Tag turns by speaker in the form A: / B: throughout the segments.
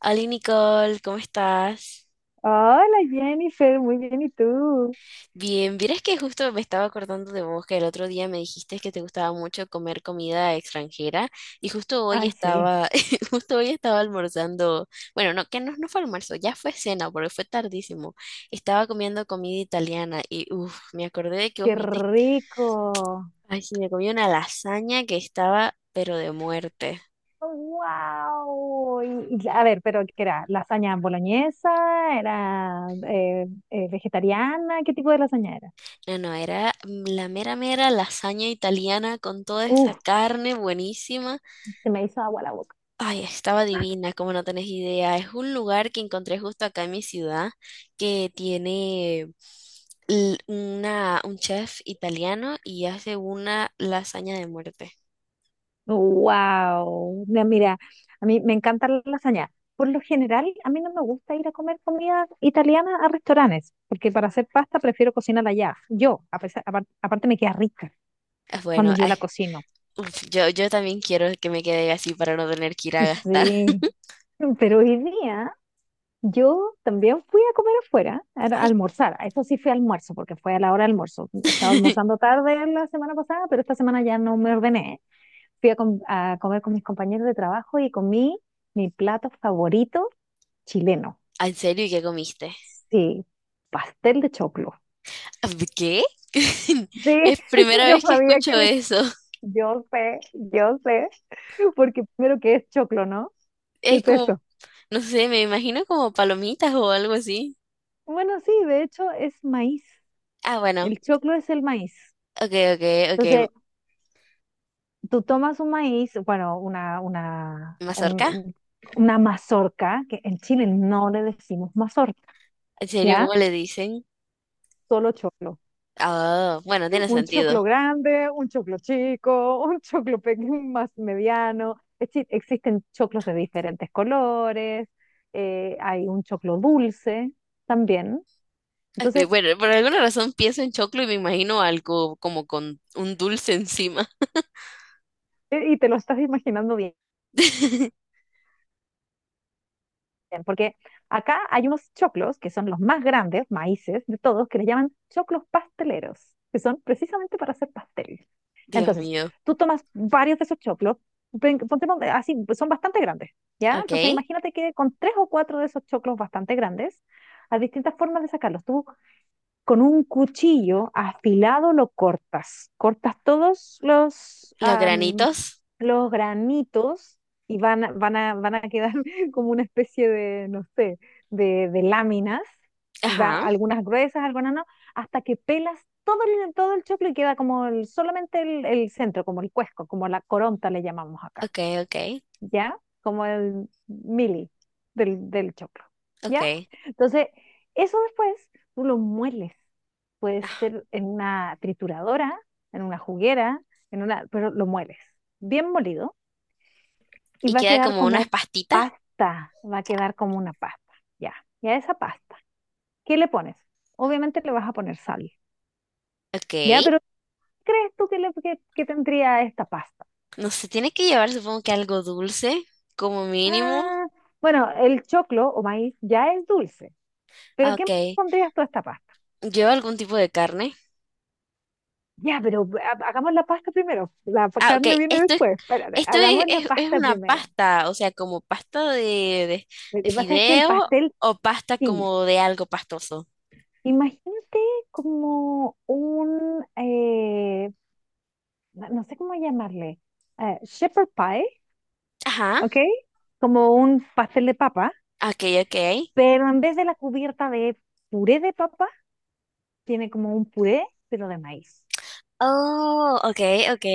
A: Hola Nicole, ¿cómo estás?
B: Hola Jennifer, muy bien, ¿y tú?
A: Bien, vieras que justo me estaba acordando de vos que el otro día me dijiste que te gustaba mucho comer comida extranjera y justo hoy
B: Ay, sí.
A: estaba, justo hoy estaba almorzando, bueno, no, que no, no fue almuerzo, ya fue cena porque fue tardísimo. Estaba comiendo comida italiana y uff, me acordé de que vos
B: ¡Qué
A: me dijiste,
B: rico!
A: ay, sí, me comí una lasaña que estaba pero de muerte.
B: ¡Wow! A ver, pero ¿qué era? ¿Lasaña boloñesa? ¿Era vegetariana? ¿Qué tipo de lasaña era?
A: No, no, era la mera mera lasaña italiana con toda esa
B: Uf,
A: carne buenísima.
B: se me hizo agua la boca.
A: Ay, estaba divina, como no tenés idea. Es un lugar que encontré justo acá en mi ciudad que tiene una, un chef italiano y hace una lasaña de muerte.
B: ¡Wow! Mira, a mí me encanta la lasaña. Por lo general, a mí no me gusta ir a comer comida italiana a restaurantes, porque para hacer pasta prefiero cocinarla allá. Yo, a pesar, aparte me queda rica
A: Ah, bueno,
B: cuando yo
A: ay,
B: la cocino.
A: uf, yo también quiero que me quede así para no tener que ir a gastar.
B: Sí, pero hoy día yo también fui a comer afuera, a
A: Ay,
B: almorzar. A eso sí fue almuerzo, porque fue a la hora de almuerzo. Estaba almorzando tarde la semana pasada, pero esta semana ya no me ordené. Fui a, a comer con mis compañeros de trabajo y comí mi plato favorito chileno.
A: ah, ¿en serio? ¿Y qué comiste?
B: Sí, pastel de choclo.
A: ¿Qué?
B: Sí,
A: Es primera
B: yo
A: vez que
B: sabía
A: escucho
B: que me-
A: eso.
B: Yo sé, porque primero que es choclo, ¿no? ¿Qué
A: Es
B: es
A: como,
B: eso?
A: no sé, me imagino como palomitas o algo así.
B: Bueno, sí, de hecho es maíz.
A: Ah, bueno,
B: El choclo es el maíz.
A: ok, ok, ok.
B: Entonces, tú tomas un maíz, bueno,
A: ¿Mazorca?
B: una mazorca, que en Chile no le decimos mazorca,
A: ¿En serio? ¿Cómo
B: ¿ya?
A: le dicen?
B: Solo choclo.
A: Ah, bueno, tiene
B: Un
A: sentido.
B: choclo grande, un choclo chico, un choclo pequeño, más mediano. Es decir, existen choclos de diferentes colores, hay un choclo dulce también.
A: Ok,
B: Entonces,
A: bueno, por alguna razón pienso en choclo y me imagino algo como con un dulce encima.
B: y te lo estás imaginando bien porque acá hay unos choclos que son los más grandes, maíces de todos, que les llaman choclos pasteleros, que son precisamente para hacer pastel.
A: Dios
B: Entonces,
A: mío.
B: tú tomas varios de esos choclos, ponte así, pues son bastante grandes, ¿ya?
A: Ok.
B: Entonces, imagínate que con tres o cuatro de esos choclos bastante grandes, hay distintas formas de sacarlos. Tú con un cuchillo afilado lo cortas, cortas
A: Los granitos.
B: los granitos y van a quedar como una especie de, no sé, de láminas,
A: Ajá.
B: algunas gruesas, algunas no, hasta que pelas todo el choclo y queda como solamente el centro, como el cuesco, como la coronta le llamamos acá,
A: Ok, ok,
B: ¿ya? Como el mili del choclo,
A: ok.
B: ¿ya? Entonces, eso después tú lo mueles. Puede ser en una trituradora, en una juguera, en una, pero lo mueles, bien molido y
A: Y
B: va a
A: queda
B: quedar
A: como
B: como
A: unas pastitas.
B: pasta, va a quedar como una pasta. Ya, ya esa pasta. ¿Qué le pones? Obviamente le vas a poner sal.
A: Ok.
B: Ya, pero ¿qué crees tú que, que tendría esta pasta?
A: No se tiene que llevar, supongo que algo dulce, como mínimo.
B: Ah, bueno, el choclo o maíz ya es dulce,
A: Ah,
B: pero ¿qué más
A: ok.
B: pondrías tú a esta pasta?
A: ¿Lleva algún tipo de carne?
B: Ya, pero hagamos la pasta primero.
A: Ah, ok.
B: Carne viene
A: Esto
B: después. Espérate,
A: Esto es,
B: hagamos la
A: es
B: pasta
A: una
B: primero.
A: pasta, o sea, como pasta de
B: Lo
A: de
B: que pasa es que el
A: fideo
B: pastel
A: o pasta
B: sí.
A: como de algo pastoso.
B: Imagínate como un no sé cómo llamarle, shepherd pie,
A: Ajá,
B: ¿ok? Como un pastel de papa,
A: ok, ok.
B: pero en vez de la cubierta de puré de papa, tiene como un puré, pero de maíz.
A: Oh, ok, ok.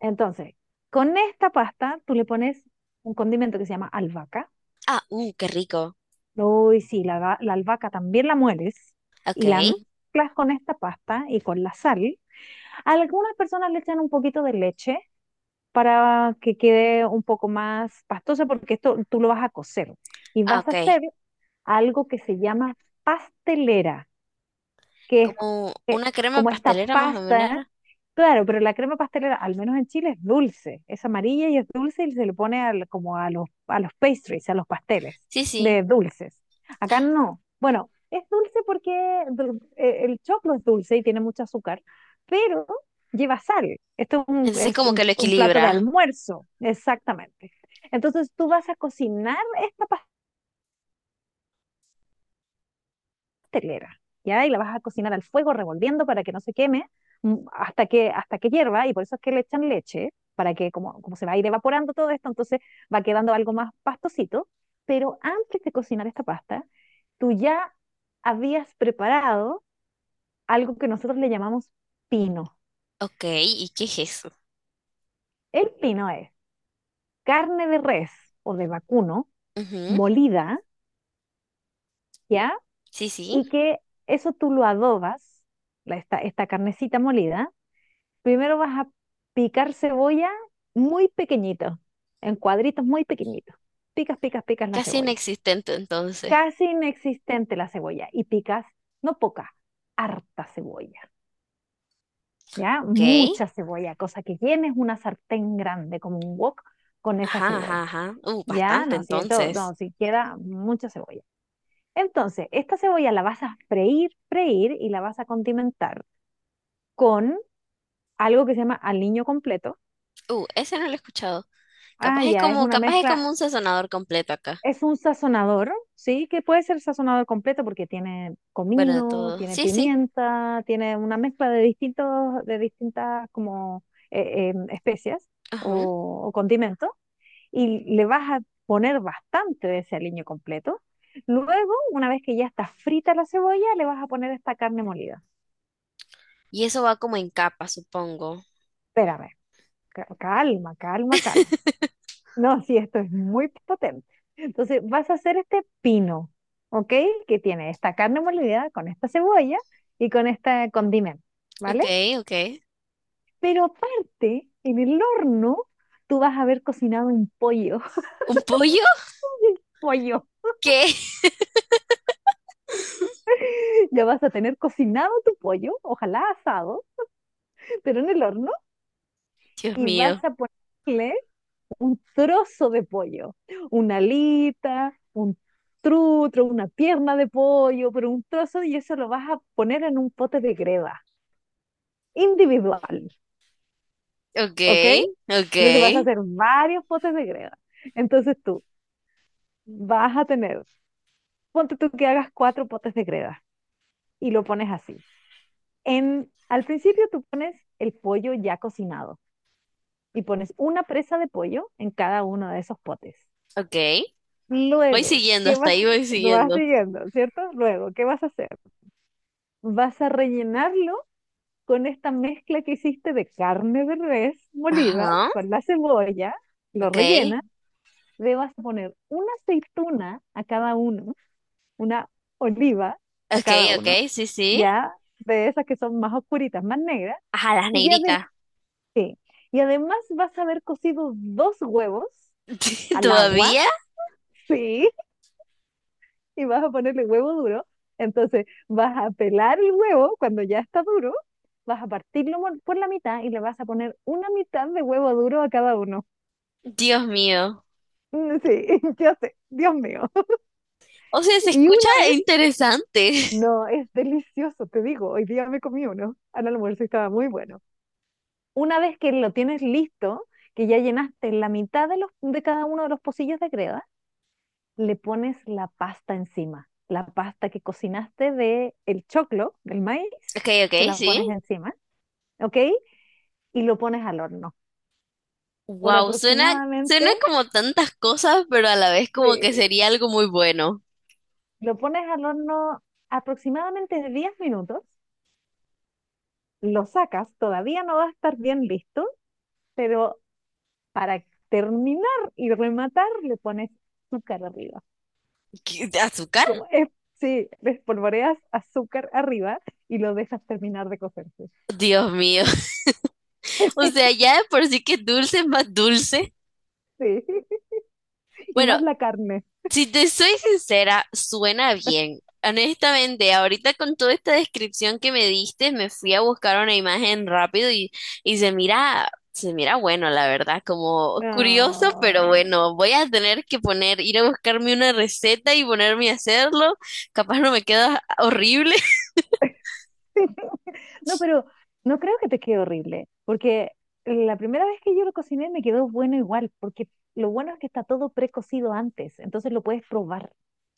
B: Entonces, con esta pasta tú le pones un condimento que se llama albahaca.
A: Ah, qué rico.
B: Uy, sí, la albahaca también la mueles
A: Ok,
B: y la mezclas con esta pasta y con la sal. Algunas personas le echan un poquito de leche para que quede un poco más pastosa porque esto tú lo vas a cocer y
A: ah,
B: vas a
A: ok.
B: hacer algo que se llama pastelera, que es como
A: Como
B: que-
A: una crema
B: como esta
A: pastelera más o menos,
B: pasta,
A: ¿no?
B: claro, pero la crema pastelera, al menos en Chile, es dulce, es amarilla y es dulce y se le pone como a los pastries, a los pasteles
A: Sí, sí.
B: de dulces. Acá no. Bueno, es dulce porque el choclo es dulce y tiene mucho azúcar, pero lleva sal. Esto es un,
A: Entonces
B: es
A: como que lo
B: un plato de
A: equilibra.
B: almuerzo, exactamente. Entonces tú vas a cocinar esta pastelera telera, ¿ya? Y la vas a cocinar al fuego revolviendo para que no se queme hasta que hierva, y por eso es que le echan leche, para que como, como se va a ir evaporando todo esto, entonces va quedando algo más pastosito, pero antes de cocinar esta pasta, tú ya habías preparado algo que nosotros le llamamos pino.
A: Ok, ¿y qué es eso?
B: El pino es carne de res o de vacuno
A: Ujú,
B: molida, ¿ya?
A: sí, sí.
B: Y que eso tú lo adobas, esta carnecita molida. Primero vas a picar cebolla muy pequeñito, en cuadritos muy pequeñitos. Picas, picas, picas la
A: Casi
B: cebolla.
A: inexistente entonces.
B: Casi inexistente la cebolla. Y picas, no poca, harta cebolla. ¿Ya?
A: Ok.
B: Mucha cebolla, cosa que llenes una sartén grande como un wok con esa
A: Ajá, ajá,
B: cebolla.
A: ajá.
B: ¿Ya?
A: Bastante
B: No, si esto,
A: entonces.
B: no, si queda mucha cebolla. Entonces, esta cebolla la vas a freír, freír y la vas a condimentar con algo que se llama aliño completo.
A: Ese no lo he escuchado.
B: Ah, ya, es una
A: Capaz es
B: mezcla.
A: como un sazonador completo acá.
B: Es un sazonador, ¿sí? Que puede ser sazonador completo porque tiene
A: Bueno, de
B: comino,
A: todo.
B: tiene
A: Sí, sí.
B: pimienta, tiene una mezcla de distintos, de distintas como especias
A: Ajá.
B: o condimentos y le vas a poner bastante de ese aliño completo. Luego, una vez que ya está frita la cebolla, le vas a poner esta carne molida.
A: Y eso va como en capa, supongo.
B: Espérame, calma, calma, calma. No, sí, esto es muy potente. Entonces, vas a hacer este pino, ¿ok? Que tiene esta carne molida con esta cebolla y con este condimento,
A: Ok,
B: ¿vale?
A: ok.
B: Pero aparte, en el horno, tú vas a haber cocinado un pollo,
A: ¿Un pollo?
B: pollo.
A: ¿Qué?
B: Ya vas a tener cocinado tu pollo, ojalá asado, pero en el horno,
A: Dios
B: y vas
A: mío.
B: a ponerle un trozo de pollo, una alita, un trutro, una pierna de pollo, pero un trozo y eso lo vas a poner en un pote de greda individual,
A: Ok,
B: ¿ok?
A: ok,
B: Entonces vas a hacer varios potes de greda. Entonces tú vas a tener, ponte tú que hagas cuatro potes de greda y lo pones así. En, al principio tú pones el pollo ya cocinado y pones una presa de pollo en cada uno de esos potes.
A: ok. Voy
B: Luego,
A: siguiendo,
B: ¿qué
A: hasta
B: vas?
A: ahí voy
B: Lo vas
A: siguiendo.
B: siguiendo, ¿cierto? Luego, ¿qué vas a hacer? Vas a rellenarlo con esta mezcla que hiciste de carne de res molida,
A: Ajá.
B: con la cebolla, lo
A: Ok,
B: rellenas, le vas a poner una aceituna a cada uno, una oliva a
A: ok,
B: cada
A: ok,
B: uno,
A: sí, sí.
B: ya de esas que son más oscuritas, más negras,
A: Ajá, las
B: y además,
A: negritas.
B: y además vas a haber cocido dos huevos al agua,
A: ¿Todavía?
B: sí, y vas a ponerle huevo duro. Entonces vas a pelar el huevo cuando ya está duro, vas a partirlo por la mitad y le vas a poner una mitad de huevo duro a cada uno.
A: Dios mío.
B: Mm, sí, yo sé, Dios mío.
A: O sea, se
B: Y
A: escucha
B: una vez,
A: interesante.
B: no, es delicioso, te digo, hoy día me comí uno al almuerzo y estaba muy bueno. Una vez que lo tienes listo, que ya llenaste la mitad de cada uno de los pocillos de greda, le pones la pasta encima. La pasta que cocinaste de el choclo, del maíz,
A: Ok,
B: te
A: ok,
B: la pones
A: sí.
B: encima, ¿ok? Y lo pones al horno. Por
A: Wow, suena,
B: aproximadamente,
A: suena como tantas cosas, pero a la vez como que
B: eh,
A: sería algo muy bueno.
B: lo pones al horno aproximadamente de 10 minutos, lo sacas, todavía no va a estar bien listo, pero para terminar y rematar le pones azúcar arriba.
A: ¿Qué? ¿De azúcar?
B: Como es, sí, espolvoreas azúcar arriba y lo dejas terminar de cocerse.
A: Dios mío. O sea, ya de por sí que dulce es más dulce.
B: Sí, y
A: Bueno,
B: más la carne.
A: si te soy sincera, suena bien. Honestamente, ahorita con toda esta descripción que me diste, me fui a buscar una imagen rápido y se mira bueno, la verdad, como curioso, pero
B: No.
A: bueno, voy a tener que poner, ir a buscarme una receta y ponerme a hacerlo. Capaz no me queda horrible.
B: No, pero no creo que te quede horrible, porque la primera vez que yo lo cociné me quedó bueno igual, porque lo bueno es que está todo precocido antes, entonces lo puedes probar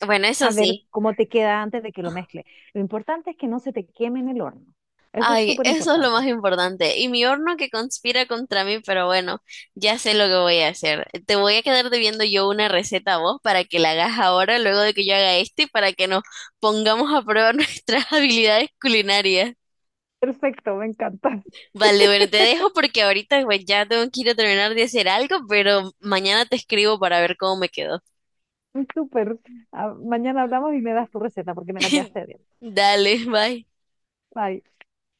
A: Bueno, eso
B: a ver
A: sí.
B: cómo te queda antes de que lo mezcle. Lo importante es que no se te queme en el horno. Eso es
A: Ay,
B: súper
A: eso es lo
B: importante.
A: más importante. Y mi horno que conspira contra mí, pero bueno, ya sé lo que voy a hacer. Te voy a quedar debiendo yo una receta a vos para que la hagas ahora, luego de que yo haga este, y para que nos pongamos a prueba nuestras habilidades culinarias.
B: Perfecto, me encanta.
A: Vale, bueno, te dejo porque ahorita pues, ya tengo que ir a terminar de hacer algo, pero mañana te escribo para ver cómo me quedó.
B: Súper. Ah, mañana hablamos y me das tu receta porque me la quedaste bien.
A: Dale, bye.
B: Bye.